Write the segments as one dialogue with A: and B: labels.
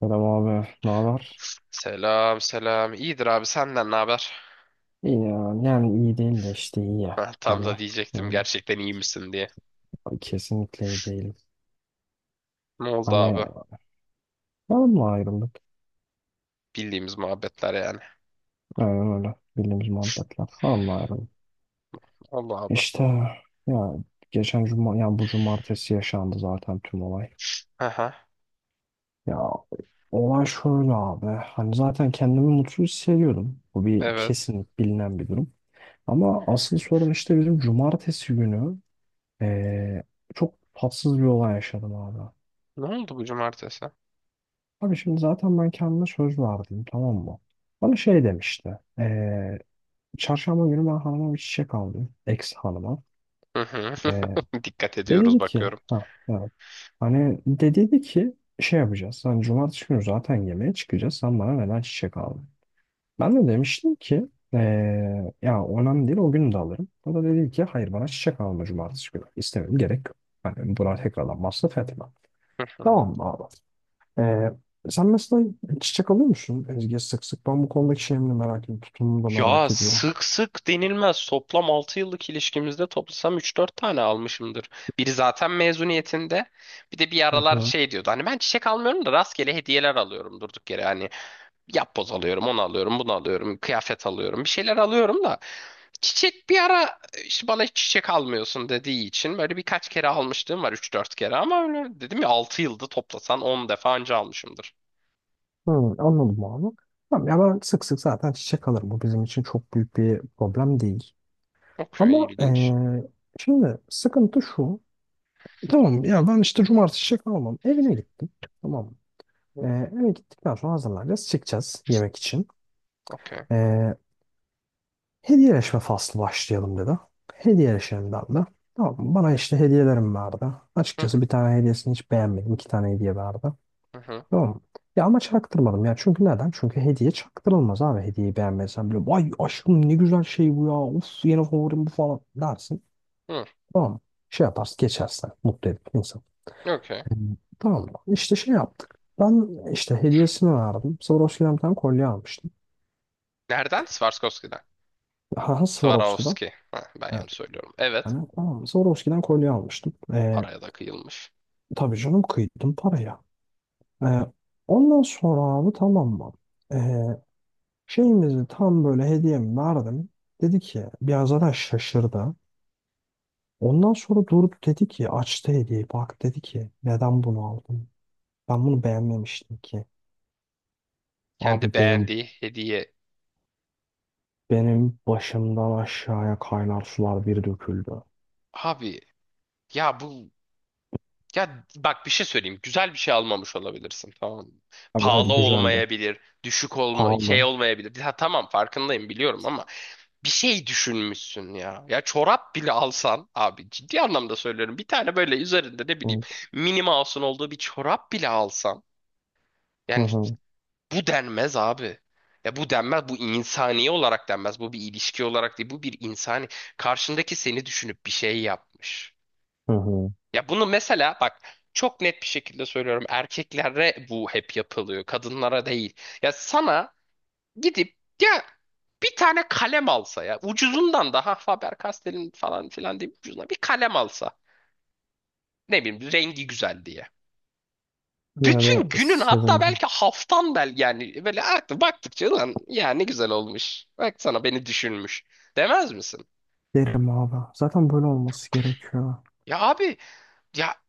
A: Selam abi, ne haber?
B: Selam selam. İyidir abi, senden ne haber?
A: İyi ya, yani iyi değil de işte iyi ya.
B: Heh, tam
A: Hani
B: da diyecektim
A: öyle.
B: gerçekten iyi misin diye.
A: Kesinlikle iyi değil.
B: Ne oldu
A: Hani
B: abi?
A: hanımla ayrıldık.
B: Bildiğimiz muhabbetler yani.
A: Aynen öyle. Bildiğimiz muhabbetler. Hanımla ayrıldık.
B: Allah abi.
A: İşte ya, geçen cuma, yani bu cumartesi yaşandı zaten tüm olay.
B: Aha,
A: Ya, olay şöyle abi. Hani zaten kendimi mutsuz hissediyordum. Bu bir
B: evet.
A: kesinlik, bilinen bir durum. Ama asıl sorun işte bizim cumartesi günü, eee, çok tatsız bir olay yaşadım abi.
B: Ne oldu bu cumartesi?
A: Abi şimdi zaten ben kendime söz verdim, tamam mı? Bana şey demişti. Çarşamba günü ben hanıma bir çiçek aldım. Ex hanıma.
B: Hı hı.
A: Eee
B: Dikkat
A: De
B: ediyoruz
A: dedi ki
B: bakıyorum.
A: ha, evet. Hani de dedi ki şey yapacağız. Hani cumartesi günü zaten yemeğe çıkacağız. Sen bana neden çiçek aldın? Ben de demiştim ki ya önemli değil, o gün de alırım. O da dedi ki hayır, bana çiçek alma cumartesi günü. İstemiyorum, gerek yok. Hani buna tekrardan masraf etme.
B: Hı hı.
A: Tamam mı abi? Ee, Sen mesela çiçek alıyor musun Ezgi, sık sık? Ben bu konudaki şeyimi de merak ediyorum. Tutumunu da
B: Ya,
A: merak ediyorum.
B: sık sık denilmez. Toplam 6 yıllık ilişkimizde toplasam üç dört tane almışımdır. Biri zaten mezuniyetinde. Bir de bir
A: Hı
B: aralar
A: hı.
B: şey diyordu. Hani ben çiçek almıyorum da rastgele hediyeler alıyorum durduk yere. Hani yapboz alıyorum, onu alıyorum, bunu alıyorum, kıyafet alıyorum, bir şeyler alıyorum da çiçek bir ara işte bana hiç çiçek almıyorsun dediği için böyle birkaç kere almışlığım var, üç dört kere, ama öyle dedim ya 6 yılda toplasan on defa anca almışımdır.
A: Hı, anladım abi. Tamam ya, ben sık sık zaten çiçek alırım. Bu bizim için çok büyük bir problem değil.
B: Okey,
A: Ama
B: ilginç.
A: şimdi sıkıntı şu. Tamam ya, ben işte cumartesi çiçek almam. Evine gittim. Tamam mı?
B: Hı,
A: Eve gittikten sonra hazırlanacağız. Çıkacağız yemek için.
B: okey.
A: Eee, Hediyeleşme faslı başlayalım dedi. Hediyeleşelim ben de. Tamam mı? Bana işte hediyelerim vardı.
B: Hı
A: Açıkçası
B: hı,
A: bir tane hediyesini hiç beğenmedim. İki tane hediye vardı.
B: hı hı.
A: Tamam mı? Ya ama çaktırmadım ya. Çünkü neden? Çünkü hediye çaktırılmaz abi. Hediyeyi beğenmezsen bile vay aşkım, ne güzel şey bu ya. Of, yeni favorim bu falan dersin.
B: Hı,
A: Tamam mı? Şey yaparsın, geçersin. Mutlu edip insan.
B: okey.
A: Tamam mı? İşte şey yaptık. Ben işte hediyesini verdim. Swarovski'den bir tane kolye almıştım.
B: Nereden? Swarovski'den.
A: Haha, Swarovski'den.
B: Swarovski. Ha, ben
A: Evet.
B: yanlış söylüyorum. Evet.
A: Yani tamam. Swarovski'den kolye almıştım.
B: Paraya da kıyılmış.
A: Tabii canım, kıydım paraya. Ee, Ondan sonra abi, tamam mı? Ee, Şeyimizi tam böyle, hediyemi verdim. Dedi ki, biraz zaten şaşırdı. Ondan sonra durdu, dedi ki, açtı hediyeyi, bak dedi ki neden bunu aldın? Ben bunu beğenmemiştim ki. Abi
B: Kendi
A: benim
B: beğendiği hediye.
A: benim başımdan aşağıya kaynar sular bir döküldü.
B: Abi ya bu Ya bak, bir şey söyleyeyim. Güzel bir şey almamış olabilirsin, tamam mı?
A: Abi
B: Pahalı
A: hadi, güzeldi.
B: olmayabilir, düşük olma şey
A: Pahalı.
B: olmayabilir. Ha tamam, farkındayım, biliyorum ama bir şey düşünmüşsün ya. Ya çorap bile alsan abi, ciddi anlamda söylüyorum. Bir tane böyle üzerinde ne bileyim
A: Hı.
B: mini mouse'un olduğu bir çorap bile alsan.
A: Hı
B: Yani
A: hı.
B: bu denmez abi. Ya bu denmez, bu insani olarak denmez. Bu bir ilişki olarak değil, bu bir insani. Karşındaki seni düşünüp bir şey yapmış.
A: Hı.
B: Ya bunu mesela bak, çok net bir şekilde söylüyorum. Erkeklere bu hep yapılıyor. Kadınlara değil. Ya sana gidip ya bir tane kalem alsa ya. Ucuzundan da, ha, Faber-Castell'in falan filan diye ucuzuna bir kalem alsa. Ne bileyim rengi güzel diye.
A: Yine
B: Bütün
A: de
B: günün, hatta
A: sevinci.
B: belki haftan bel, yani böyle artık baktıkça lan ya ne güzel olmuş. Bak sana, beni düşünmüş. Demez misin?
A: Derim abi. Zaten böyle olması gerekiyor.
B: Ya abi ya,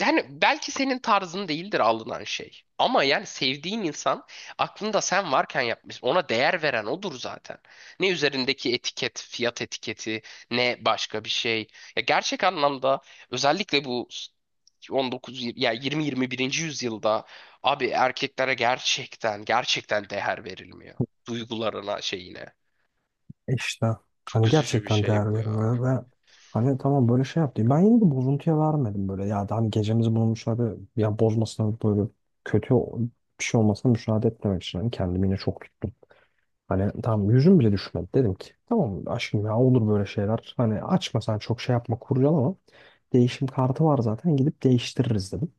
B: yani belki senin tarzın değildir alınan şey. Ama yani sevdiğin insan aklında sen varken yapmış. Ona değer veren odur zaten. Ne üzerindeki etiket, fiyat etiketi, ne başka bir şey. Ya gerçek anlamda, özellikle bu 19 yir- ya 20 21. yüzyılda abi, erkeklere gerçekten gerçekten değer verilmiyor. Duygularına, şeyine.
A: İşte
B: Çok
A: hani
B: üzücü bir
A: gerçekten
B: şey
A: değer
B: bu ya.
A: verilmiyor, ve hani tamam böyle şey yaptı. Ben yine de bozuntuya vermedim böyle. Ya da hani gecemizi bulmuşlar ve ya bozmasına, böyle kötü bir şey olmasına müsaade etmemek için hani kendimi yine çok tuttum. Hani tamam, yüzüm bile düşmedi. Dedim ki tamam aşkım, ya olur böyle şeyler. Hani açma sen, çok şey yapma, kurcalama. Değişim kartı var zaten, gidip değiştiririz dedim.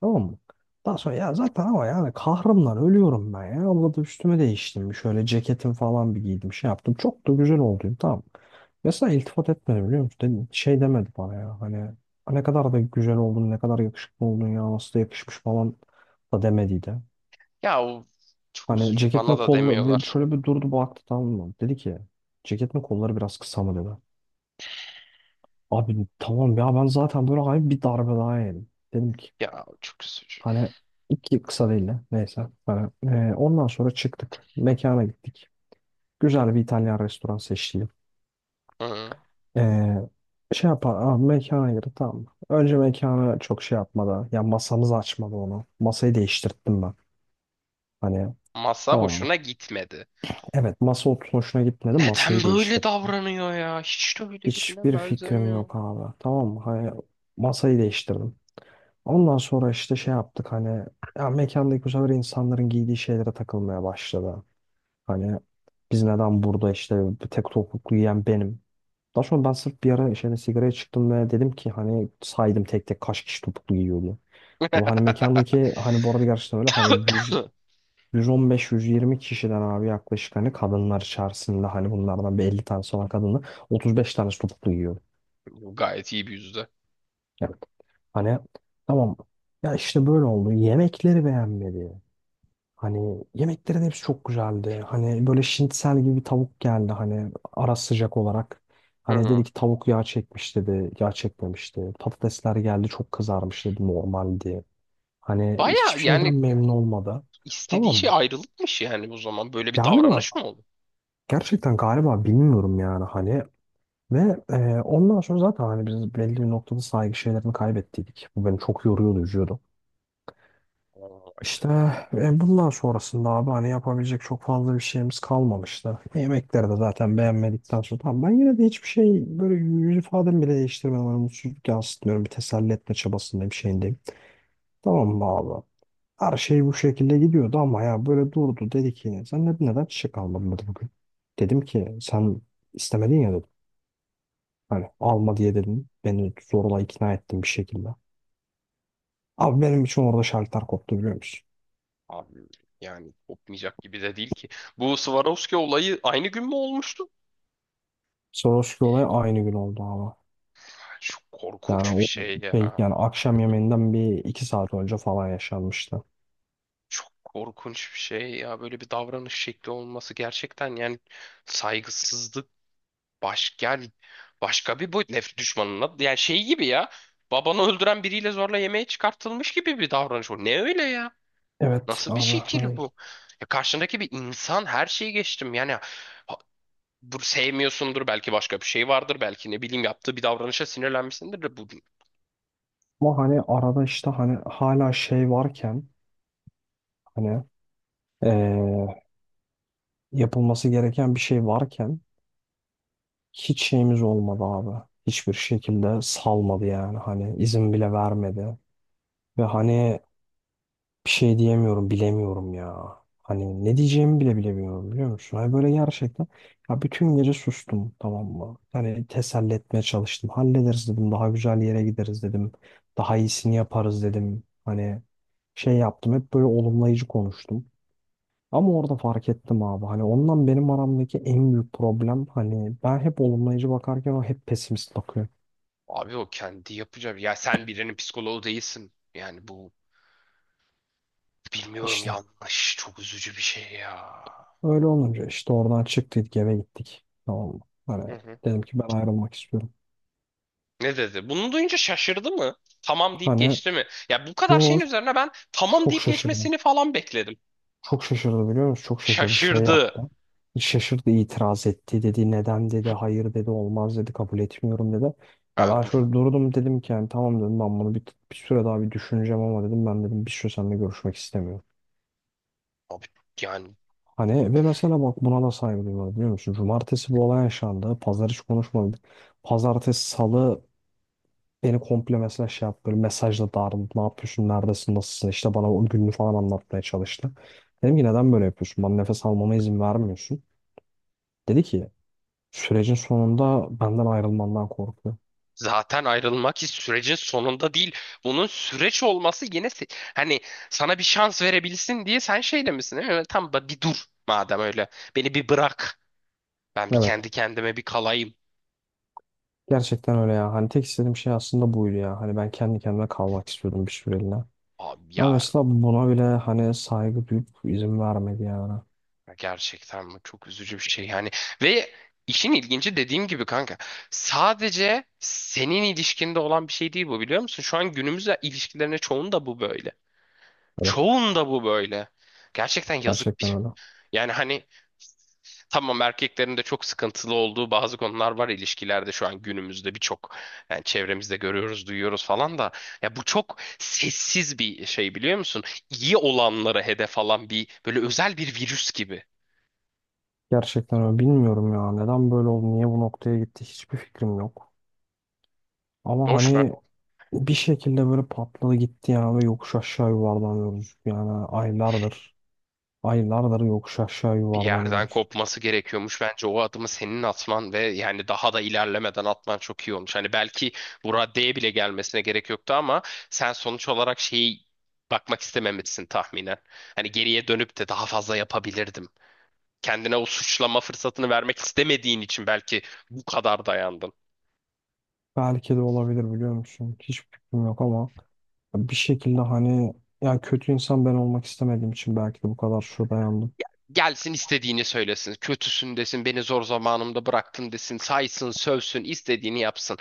A: Tamam mı? Daha sonra ya zaten, ama yani kahrımdan ölüyorum ben ya. Abla da üstüme değiştim. Bir şöyle ceketim falan bir giydim. Şey yaptım. Çok da güzel oldum. Tamam. Mesela iltifat etmedi, biliyor musun? Şey demedi bana ya. Hani ne kadar da güzel oldun. Ne kadar yakışıklı oldun ya. Nasıl da yakışmış falan da demediydi.
B: Ya o çok
A: Hani
B: üzücü.
A: ceketin
B: Bana da
A: kolları
B: demiyorlar.
A: şöyle bir durdu, baktı, tamam mı? Dedi ki ceketin kolları biraz kısa mı dedi. Abi tamam ya, ben zaten böyle hayır, bir darbe daha yedim. Dedim ki,
B: Ya çok üzücü.
A: hani iki kısa değil de, neyse. Hani, ondan sonra çıktık. Mekana gittik. Güzel bir İtalyan restoran seçtim.
B: Hı.
A: E, Şey yapar, mekana girdik, tamam mı? Önce mekana çok şey yapmadı. Ya masamızı açmadı onu. Masayı değiştirttim ben. Hani
B: Masa
A: tamam mı?
B: hoşuna gitmedi.
A: Evet, masa oturuş hoşuna gitmedi. Masayı
B: Neden böyle
A: değiştirdim.
B: davranıyor ya? Hiç de öyle birine
A: Hiçbir fikrim
B: benzemiyor.
A: yok abi. Tamam mı? Hani masayı değiştirdim. Ondan sonra işte şey yaptık, hani ya, mekandaki bu sefer insanların giydiği şeylere takılmaya başladı. Hani biz neden burada, işte bir tek topuklu yiyen benim. Daha sonra ben sırf bir ara işte hani sigaraya çıktım ve dedim ki hani, saydım tek tek kaç kişi topuklu giyiyordu. Ama hani mekandaki, hani bu arada gerçekten öyle hani 100, 115-120 kişiden abi, yaklaşık hani kadınlar içerisinde, hani bunlardan bir 50 tanesi olan kadınla 35 tanesi topuklu giyiyordu.
B: Bu gayet iyi bir yüzde.
A: Evet. Hani tamam ya, işte böyle oldu. Yemekleri beğenmedi. Hani yemeklerin hepsi çok güzeldi. Hani böyle şinitsel gibi bir tavuk geldi, hani ara sıcak olarak. Hani dedi
B: Hı.
A: ki tavuk yağ çekmiş dedi. Yağ çekmemişti. Patatesler geldi, çok kızarmış dedi, normaldi. Hani
B: Baya
A: hiçbir şeyden
B: yani
A: memnun olmadı.
B: istediği
A: Tamam
B: şey
A: mı?
B: ayrılıkmış yani o zaman. Böyle bir
A: Galiba,
B: davranış mı oldu?
A: gerçekten galiba, bilmiyorum yani hani. Ve ondan sonra zaten hani biz belli bir noktada saygı şeylerini kaybettiydik. Bu beni çok yoruyordu, üzüyordu.
B: Vay be.
A: İşte bundan sonrasında abi hani yapabilecek çok fazla bir şeyimiz kalmamıştı. Yemekleri de zaten beğenmedikten sonra, tamam, ben yine de hiçbir şey, böyle yüz ifademi bile değiştirmiyorum. Hani mutsuzluk yansıtmıyorum. Bir teselli etme çabasındayım, şeyindeyim. Tamam mı abi? Her şey bu şekilde gidiyordu ama, ya böyle durdu, dedi ki sen neden, neden çiçek almadın dedi bugün. Dedim ki sen istemedin ya dedim. Hani alma diye dedim. Beni zorla ikna ettin bir şekilde. Abi benim için orada şartlar koptu, biliyor musun?
B: Abi yani kopmayacak gibi de değil ki. Bu Swarovski olayı aynı gün mü olmuştu?
A: Swarovski olayı aynı gün oldu abi.
B: Çok
A: Yani
B: korkunç bir
A: o
B: şey
A: şey,
B: ya.
A: yani akşam yemeğinden bir iki saat önce falan yaşanmıştı.
B: Çok korkunç bir şey ya. Böyle bir davranış şekli olması gerçekten yani saygısızlık. Baş, yani başka bir boyut, nefret düşmanına yani şey gibi ya, babanı öldüren biriyle zorla yemeğe çıkartılmış gibi bir davranış bu. Ne öyle ya?
A: Evet
B: Nasıl bir
A: abi,
B: şekil
A: hani
B: bu? Ya karşındaki bir insan, her şeyi geçtim yani, ha- bu sevmiyorsundur belki, başka bir şey vardır belki, ne bileyim yaptığı bir davranışa sinirlenmişsindir de bu
A: ama hani arada işte hani hala şey varken, hani eee, yapılması gereken bir şey varken hiç şeyimiz olmadı abi. Hiçbir şekilde salmadı yani, hani izin bile vermedi. Ve hani bir şey diyemiyorum, bilemiyorum ya. Hani ne diyeceğimi bile bilemiyorum, biliyor musun? Hani böyle gerçekten, ya bütün gece sustum, tamam mı? Hani teselli etmeye çalıştım. Hallederiz dedim, daha güzel yere gideriz dedim. Daha iyisini yaparız dedim. Hani şey yaptım, hep böyle olumlayıcı konuştum. Ama orada fark ettim abi, hani ondan benim aramdaki en büyük problem, hani ben hep olumlayıcı bakarken o hep pesimist bakıyor.
B: abi o kendi yapacağı, ya sen birinin psikoloğu değilsin yani, bu bilmiyorum,
A: İşte
B: yanlış, çok üzücü bir şey ya.
A: öyle olunca işte oradan çıktık, eve gittik, tamam mı? Hani dedim ki ben ayrılmak istiyorum.
B: Ne dedi? Bunu duyunca şaşırdı mı? Tamam deyip
A: Hani
B: geçti mi? Ya bu kadar şeyin
A: George
B: üzerine ben tamam
A: çok
B: deyip
A: şaşırdı.
B: geçmesini falan bekledim.
A: Çok şaşırdı, biliyor musun? Çok şaşırdı. Şey
B: Şaşırdı.
A: yaptı. Şaşırdı, itiraz etti, dedi. Neden dedi. Hayır dedi. Olmaz dedi. Kabul etmiyorum dedi. Ya
B: Ha
A: ben
B: bu
A: şöyle durdum, dedim ki yani tamam dedim, ben bunu bir süre daha bir düşüneceğim ama dedim, ben dedim bir süre seninle görüşmek istemiyorum.
B: Abi yani
A: Hani ve mesela bak, buna da saygı duyuyorlar, biliyor musun? Cumartesi bu olay yaşandı. Pazar hiç konuşmadı. Pazartesi, salı beni komple mesela şey yaptı. Böyle mesajla darladı. Ne yapıyorsun? Neredesin? Nasılsın? İşte bana o gününü falan anlatmaya çalıştı. Dedim ki neden böyle yapıyorsun? Bana nefes almama izin vermiyorsun. Dedi ki sürecin sonunda benden ayrılmandan korkuyor.
B: zaten ayrılmak hiç sürecin sonunda değil. Bunun süreç olması, yine hani sana bir şans verebilsin diye sen şey demişsin değil. Evet, tamam, bir dur madem öyle. Beni bir bırak. Ben bir
A: Evet.
B: kendi kendime bir kalayım.
A: Gerçekten öyle ya. Hani tek istediğim şey aslında buydu ya. Hani ben kendi kendime kalmak istiyordum bir süreliğine.
B: Abi
A: Ama
B: ya,
A: mesela buna bile hani saygı duyup izin vermedi yani.
B: ya gerçekten bu çok üzücü bir şey yani. Ve işin ilginci, dediğim gibi kanka, sadece senin ilişkinde olan bir şey değil bu, biliyor musun? Şu an günümüz ilişkilerine, çoğunda bu böyle.
A: Evet.
B: Çoğunda bu böyle. Gerçekten yazık bir
A: Gerçekten
B: şey.
A: öyle.
B: Yani hani, tamam, erkeklerin de çok sıkıntılı olduğu bazı konular var ilişkilerde şu an günümüzde, birçok yani çevremizde görüyoruz, duyuyoruz falan da ya bu çok sessiz bir şey, biliyor musun? İyi olanlara hedef alan bir böyle özel bir virüs gibi.
A: Gerçekten öyle. Bilmiyorum ya. Neden böyle oldu? Niye bu noktaya gitti? Hiçbir fikrim yok. Ama
B: Boş mu?
A: hani bir şekilde böyle patladı gitti yani, ve yokuş aşağı yuvarlanıyoruz. Yani aylardır, aylardır yokuş aşağı
B: Bir yerden
A: yuvarlanıyoruz.
B: kopması gerekiyormuş. Bence o adımı senin atman ve yani daha da ilerlemeden atman çok iyi olmuş. Hani belki bu raddeye bile gelmesine gerek yoktu ama sen sonuç olarak şeyi, bakmak istememişsin tahminen. Hani geriye dönüp de daha fazla yapabilirdim, kendine o suçlama fırsatını vermek istemediğin için belki bu kadar dayandın.
A: Belki de, olabilir, biliyor musun? Hiç fikrim yok ama bir şekilde hani, yani kötü insan ben olmak istemediğim için belki de bu kadar şu dayandım.
B: Gelsin istediğini söylesin. Kötüsün desin, beni zor zamanımda bıraktın desin, saysın, sövsün, istediğini yapsın.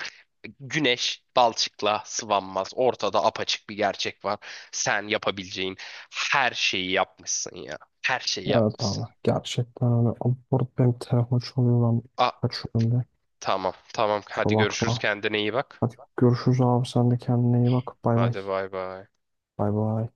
B: Güneş balçıkla sıvanmaz. Ortada apaçık bir gerçek var. Sen yapabileceğin her şeyi yapmışsın ya. Her şeyi
A: Evet
B: yapmışsın.
A: abi, gerçekten hani abi, burada benim telefon çalıyor lan,
B: A,
A: kaçıyorum de.
B: tamam tamam.
A: Kusura
B: Hadi görüşürüz.
A: bakma.
B: Kendine iyi bak.
A: Hadi görüşürüz abi, sen de kendine iyi bak. Bay bay.
B: Hadi bay bay.
A: Bay bay.